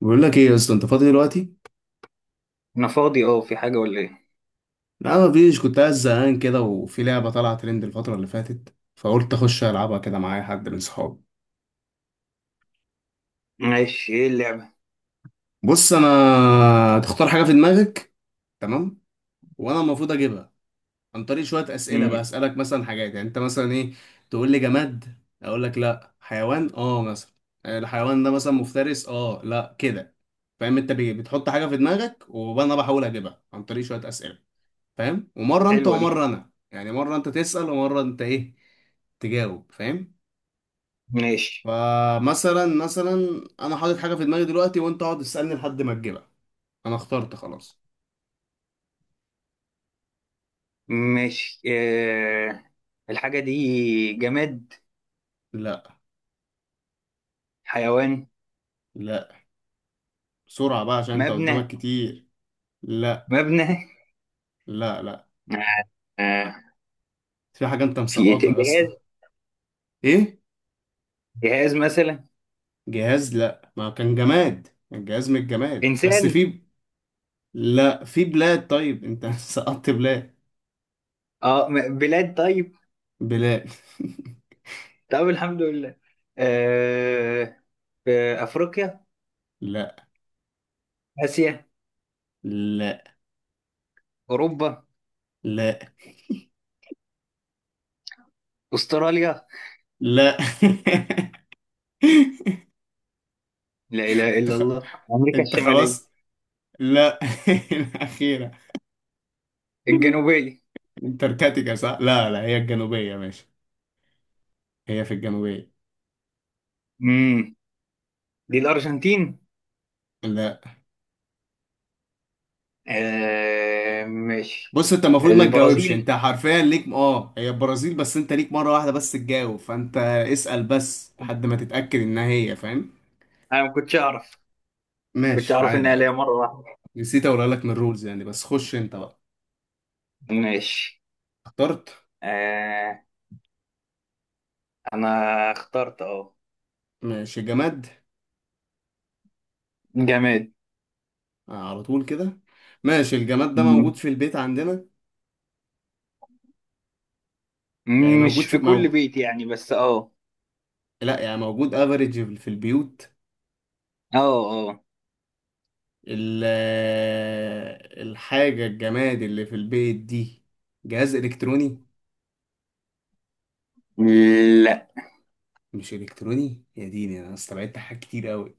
بقول لك ايه يا اسطى، انت فاضي دلوقتي؟ انا فاضي، اه، في حاجة ولا ايه؟ لا ما فيش، كنت قاعد زهقان كده وفي لعبه طالعه ترند الفتره اللي فاتت، فقلت اخش العبها كده معايا حد من صحابي. ماشي، ايه اللعبة؟ بص، انا تختار حاجه في دماغك. تمام؟ وانا المفروض اجيبها عن طريق شويه اسئله بقى، امم اسالك مثلا حاجات. يعني انت مثلا ايه، تقول لي جماد اقول لك لا، حيوان اه مثلا. آه، الحيوان ده مثلا مفترس، اه لا كده. فاهم؟ انت بتحط حاجه في دماغك وانا بحاول اجيبها عن طريق شويه اسئله. فاهم؟ ومره انت حلوة دي. ومره انا. يعني مره انت تسال ومره انت ايه، تجاوب. فاهم؟ ماشي. فمثلا مثلا انا حاطط حاجه في دماغي دلوقتي، وانت اقعد تسالني لحد ما تجيبها. انا اخترت خلاص. ماشي. الحاجة دي جماد؟ لا. حيوان؟ لا. بسرعه بقى عشان انت قدامك مبنى؟ كتير. لا. مبنى؟ لا. لا. آه... في حاجه انت في إيه، مسقطها يا اسطى. جهاز؟ ايه. جهاز مثلا. جهاز لا، ما كان جماد، الجهاز من الجماد، بس انسان؟ في. لا، في بلاد طيب انت سقطت بلاد. اه، بلاد، طيب. بلاد. طب، الحمد لله. آه... في افريقيا؟ لا اسيا؟ لا. اوروبا؟ لا استراليا؟ لا. انت لا اله الا خ- الله، امريكا انت الشمالية؟ خلاص. لا. الأخيرة. الجنوبية؟ انتاركتيكا صح؟ لا لا، هي الجنوبية ماشي. هي في الجنوبية. امم دي الارجنتين؟ لا. آه، ماشي. بص، انت المفروض ما تجاوبش، انت البرازيل؟ حرفيا ليك اه، هي البرازيل، بس انت ليك مرة واحدة بس تجاوب، فانت اسأل بس لحد ما تتأكد انها هي. فاهم؟ انا ما كنتش اعرف. كنتش ماشي، اعرف عادي انها ليا عادي. مره واحده. نسيت اقولها لك من الرولز يعني، بس خش انت بقى. ماشي. اخترت. آه، انا اخترت، اه. ماشي. جماد. جماد. آه على طول كده. ماشي، الجماد ده موجود مم. في البيت عندنا. يعني موجود. مش في كل بيت يعني، بس اه. لا يعني موجود افريج في البيوت. اه، اه. ال- الحاجة الجماد اللي في البيت دي جهاز الكتروني. لا. مش الكتروني، يا ديني انا استبعدت حاجات كتير قوي.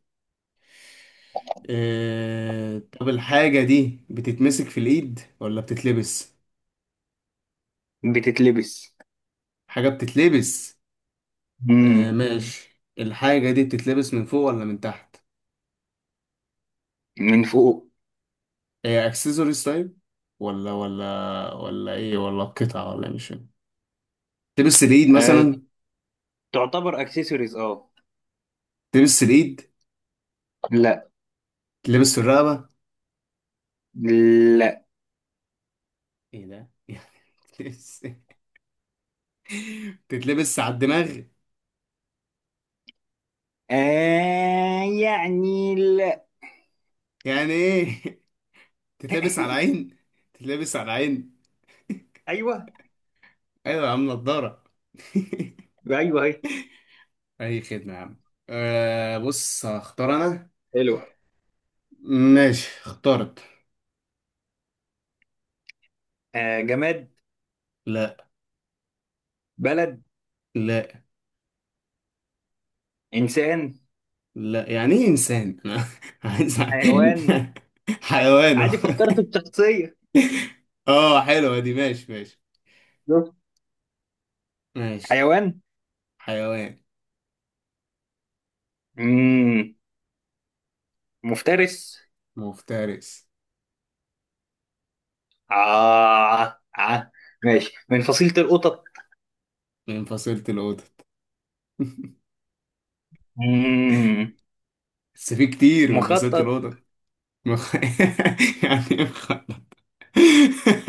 طب الحاجة دي بتتمسك في الايد ولا بتتلبس؟ بتتلبس. حاجة بتتلبس. أه مم. ماشي، الحاجة دي بتتلبس من فوق ولا من تحت؟ من فوق. هي اكسسوارز طيب، ولا ولا ولا ايه، ولا قطعة، ولا مش فاهم. تلبس الايد آه مثلا؟ تعتبر اكسسوارز، اه. تلبس الايد. لا، تلبس في الرقبة. لا. ايه ده يعني. تتلبس. تتلبس على الدماغ. آه، يعني، لا. يعني ايه تتلبس على العين. تتلبس على العين. ايوه. ايوه يا عم نضاره. ايوه، اهي. اي خدمه يا عم. أه بص، هختار انا. حلو. ماشي اخترت. جماد؟ لا. بلد؟ لا. انسان؟ لا يعني ايه انسان انا عايز حيوان؟ حيوانه عادي، فكرت بشخصيه. اه حلوه دي، ماشي ماشي. شوف. ماشي. حيوان. حيوان. مم. مفترس؟ مفترس. آه. آه. ماشي، من فصيله القطط؟ من فصيلة القطط. مم. بس في كتير من فصيلة مخطط؟ القطط. مخ... يعني إيه مخ...؟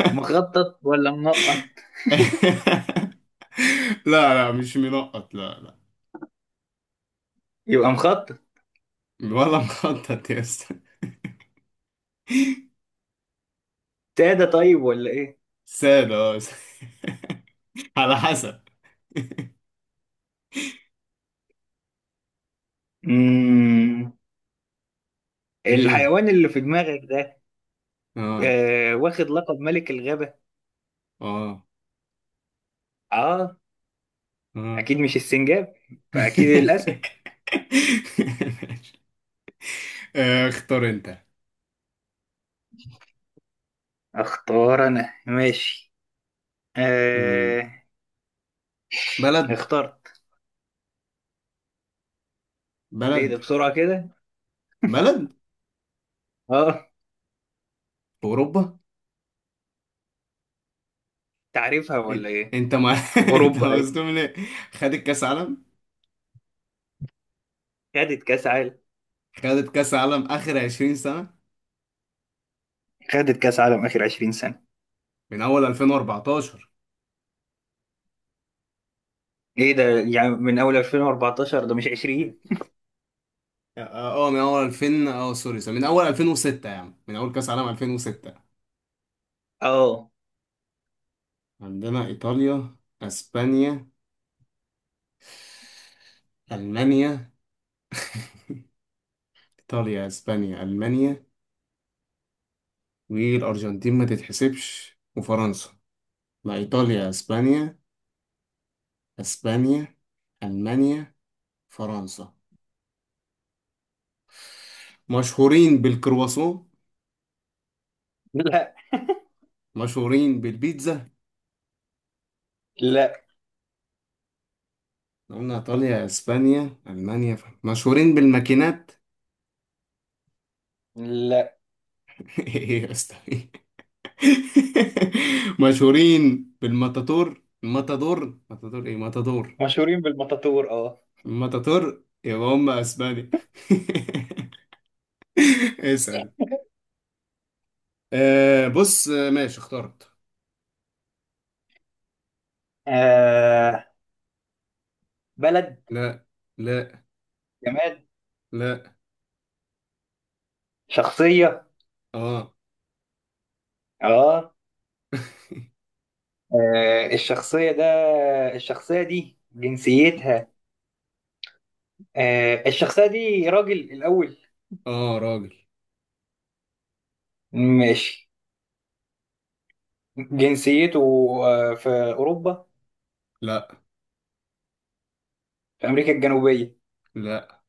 مخطط ولا منقط؟ لا لا، مش منقط، لا لا. يبقى مخطط. ولا مخطط يا اسطى. ساده طيب ولا ايه؟ ساد اه. على حسب. مم. ايه. الحيوان اللي في دماغك ده، اه. آه. واخد لقب ملك الغابه؟ اه. اه. اه. اكيد مش السنجاب. فاكيد الاسد. آه، اختار انت. اختار انا، ماشي. مم. آه. بلد. اختار. ايه ده بلد. بسرعة كده؟ بلد. اه. في اوروبا. تعرفها ولا ايه؟ انت ما انت اوروبا، ايه؟ مصدوم ليه؟ خدت كاس عالم. خدت كاس عالم؟ خدت كاس عالم اخر 20 سنة. خدت كاس عالم اخر 20 سنة. من اول 2014. ايه ده؟ يعني من اول 2014، ده مش 20. اه. آه، من اول 2000 اه، سوري سوري، من اول 2006، يعني من اول كاس عالم 2006. اه. عندنا ايطاليا، اسبانيا، المانيا. ايطاليا اسبانيا المانيا، والارجنتين ما تتحسبش، وفرنسا. لا، ايطاليا اسبانيا. اسبانيا. المانيا. فرنسا. مشهورين بالكرواسون. لا، مشهورين بالبيتزا. لا، قلنا ايطاليا اسبانيا المانيا، مشهورين بالماكينات. لا، ايه يا اسطى. مشهورين بالماتاتور، الماتادور، ماتادور، ايه ماتادور. مشهورين بالمطاطور، اه. الماتاتور يبقى هم اسبانيا. اسأل. آه بص، آه، ماشي اخترت. آه، بلد؟ لا. لا. جماد؟ لا. شخصية؟ اه. اه. آه، الشخصية ده، الشخصية دي جنسيتها؟ آه، الشخصية دي راجل الأول؟ اه راجل. ماشي. جنسيته؟ آه، في أوروبا؟ لا. في أمريكا الجنوبية؟ لا.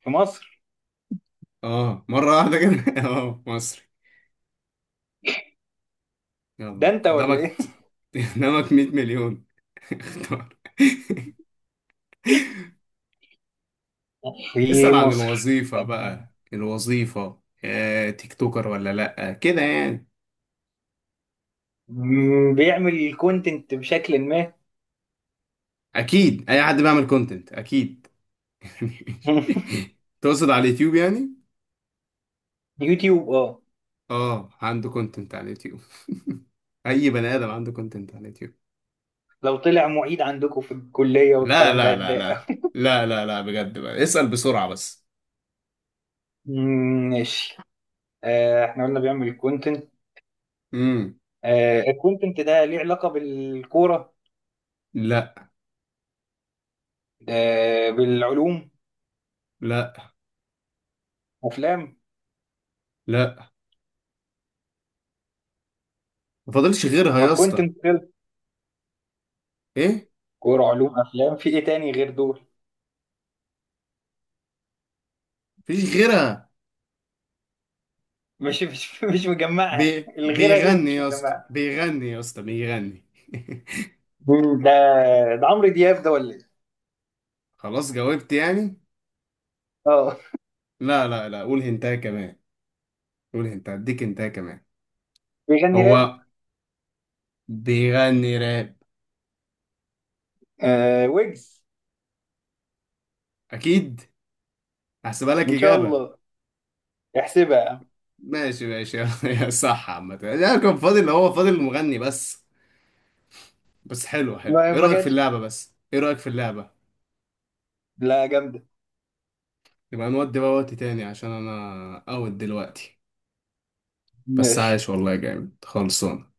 في مصر؟ اه مرة واحدة كده اه مصري. ده يلا انت ولا قدامك ايه؟ قدامك 100 مليون اختار في اسأل عن مصر؟ الوظيفة بقى. الوظيفة آه، تيك توكر ولا لأ كده يعني. بيعمل كونتنت بشكل ما. أكيد أي حد بيعمل كونتنت أكيد. تقصد على اليوتيوب يعني؟ يوتيوب، اه. آه عنده كونتنت على اليوتيوب. أي بني آدم عنده كونتنت على اليوتيوب. لو طلع معيد عندكم في الكلية لا والكلام ده لا لا هتضايق لا. أوي. لا لا لا بجد بقى، اسأل بسرعة بس. مم، ماشي. آه، احنا قلنا بيعمل كونتنت. امم. آه، الكونتنت ده ليه علاقة بالكورة؟ لا. آه، بالعلوم؟ لا. افلام؟ لا. ما فاضلش غيرها ما يا اسطى. كونتنت؟ إيه؟ كورة، علوم، افلام، في ايه تاني غير دول؟ مفيش غيرها. مش مجمعها؟ الغيرها دي بيغني مش يا اسطى، مجمعها؟ بيغني يا اسطى، بيغني. مم، ده ده عمرو دياب ده ولا ايه؟ خلاص جاوبت يعني. اه. لا لا لا، قول هنتايه كمان. قول هنتايه اديك هنتايه كمان. بيغني راب؟ هو بيغني راب. آه، ويجز؟ اكيد. هحسبها لك ان شاء اجابه. الله. احسبها. ماشي ماشي يا صح عامه، لا كان فاضل، هو فاضل المغني بس. بس حلو، حلو، ما ايه ما رايك في جاتش. اللعبه؟ بس ايه رايك في اللعبه؟ لا، جامده. يبقى نودي بقى وقت تاني عشان انا اوت دلوقتي. بس عايش ماشي والله، جامد، خلصان.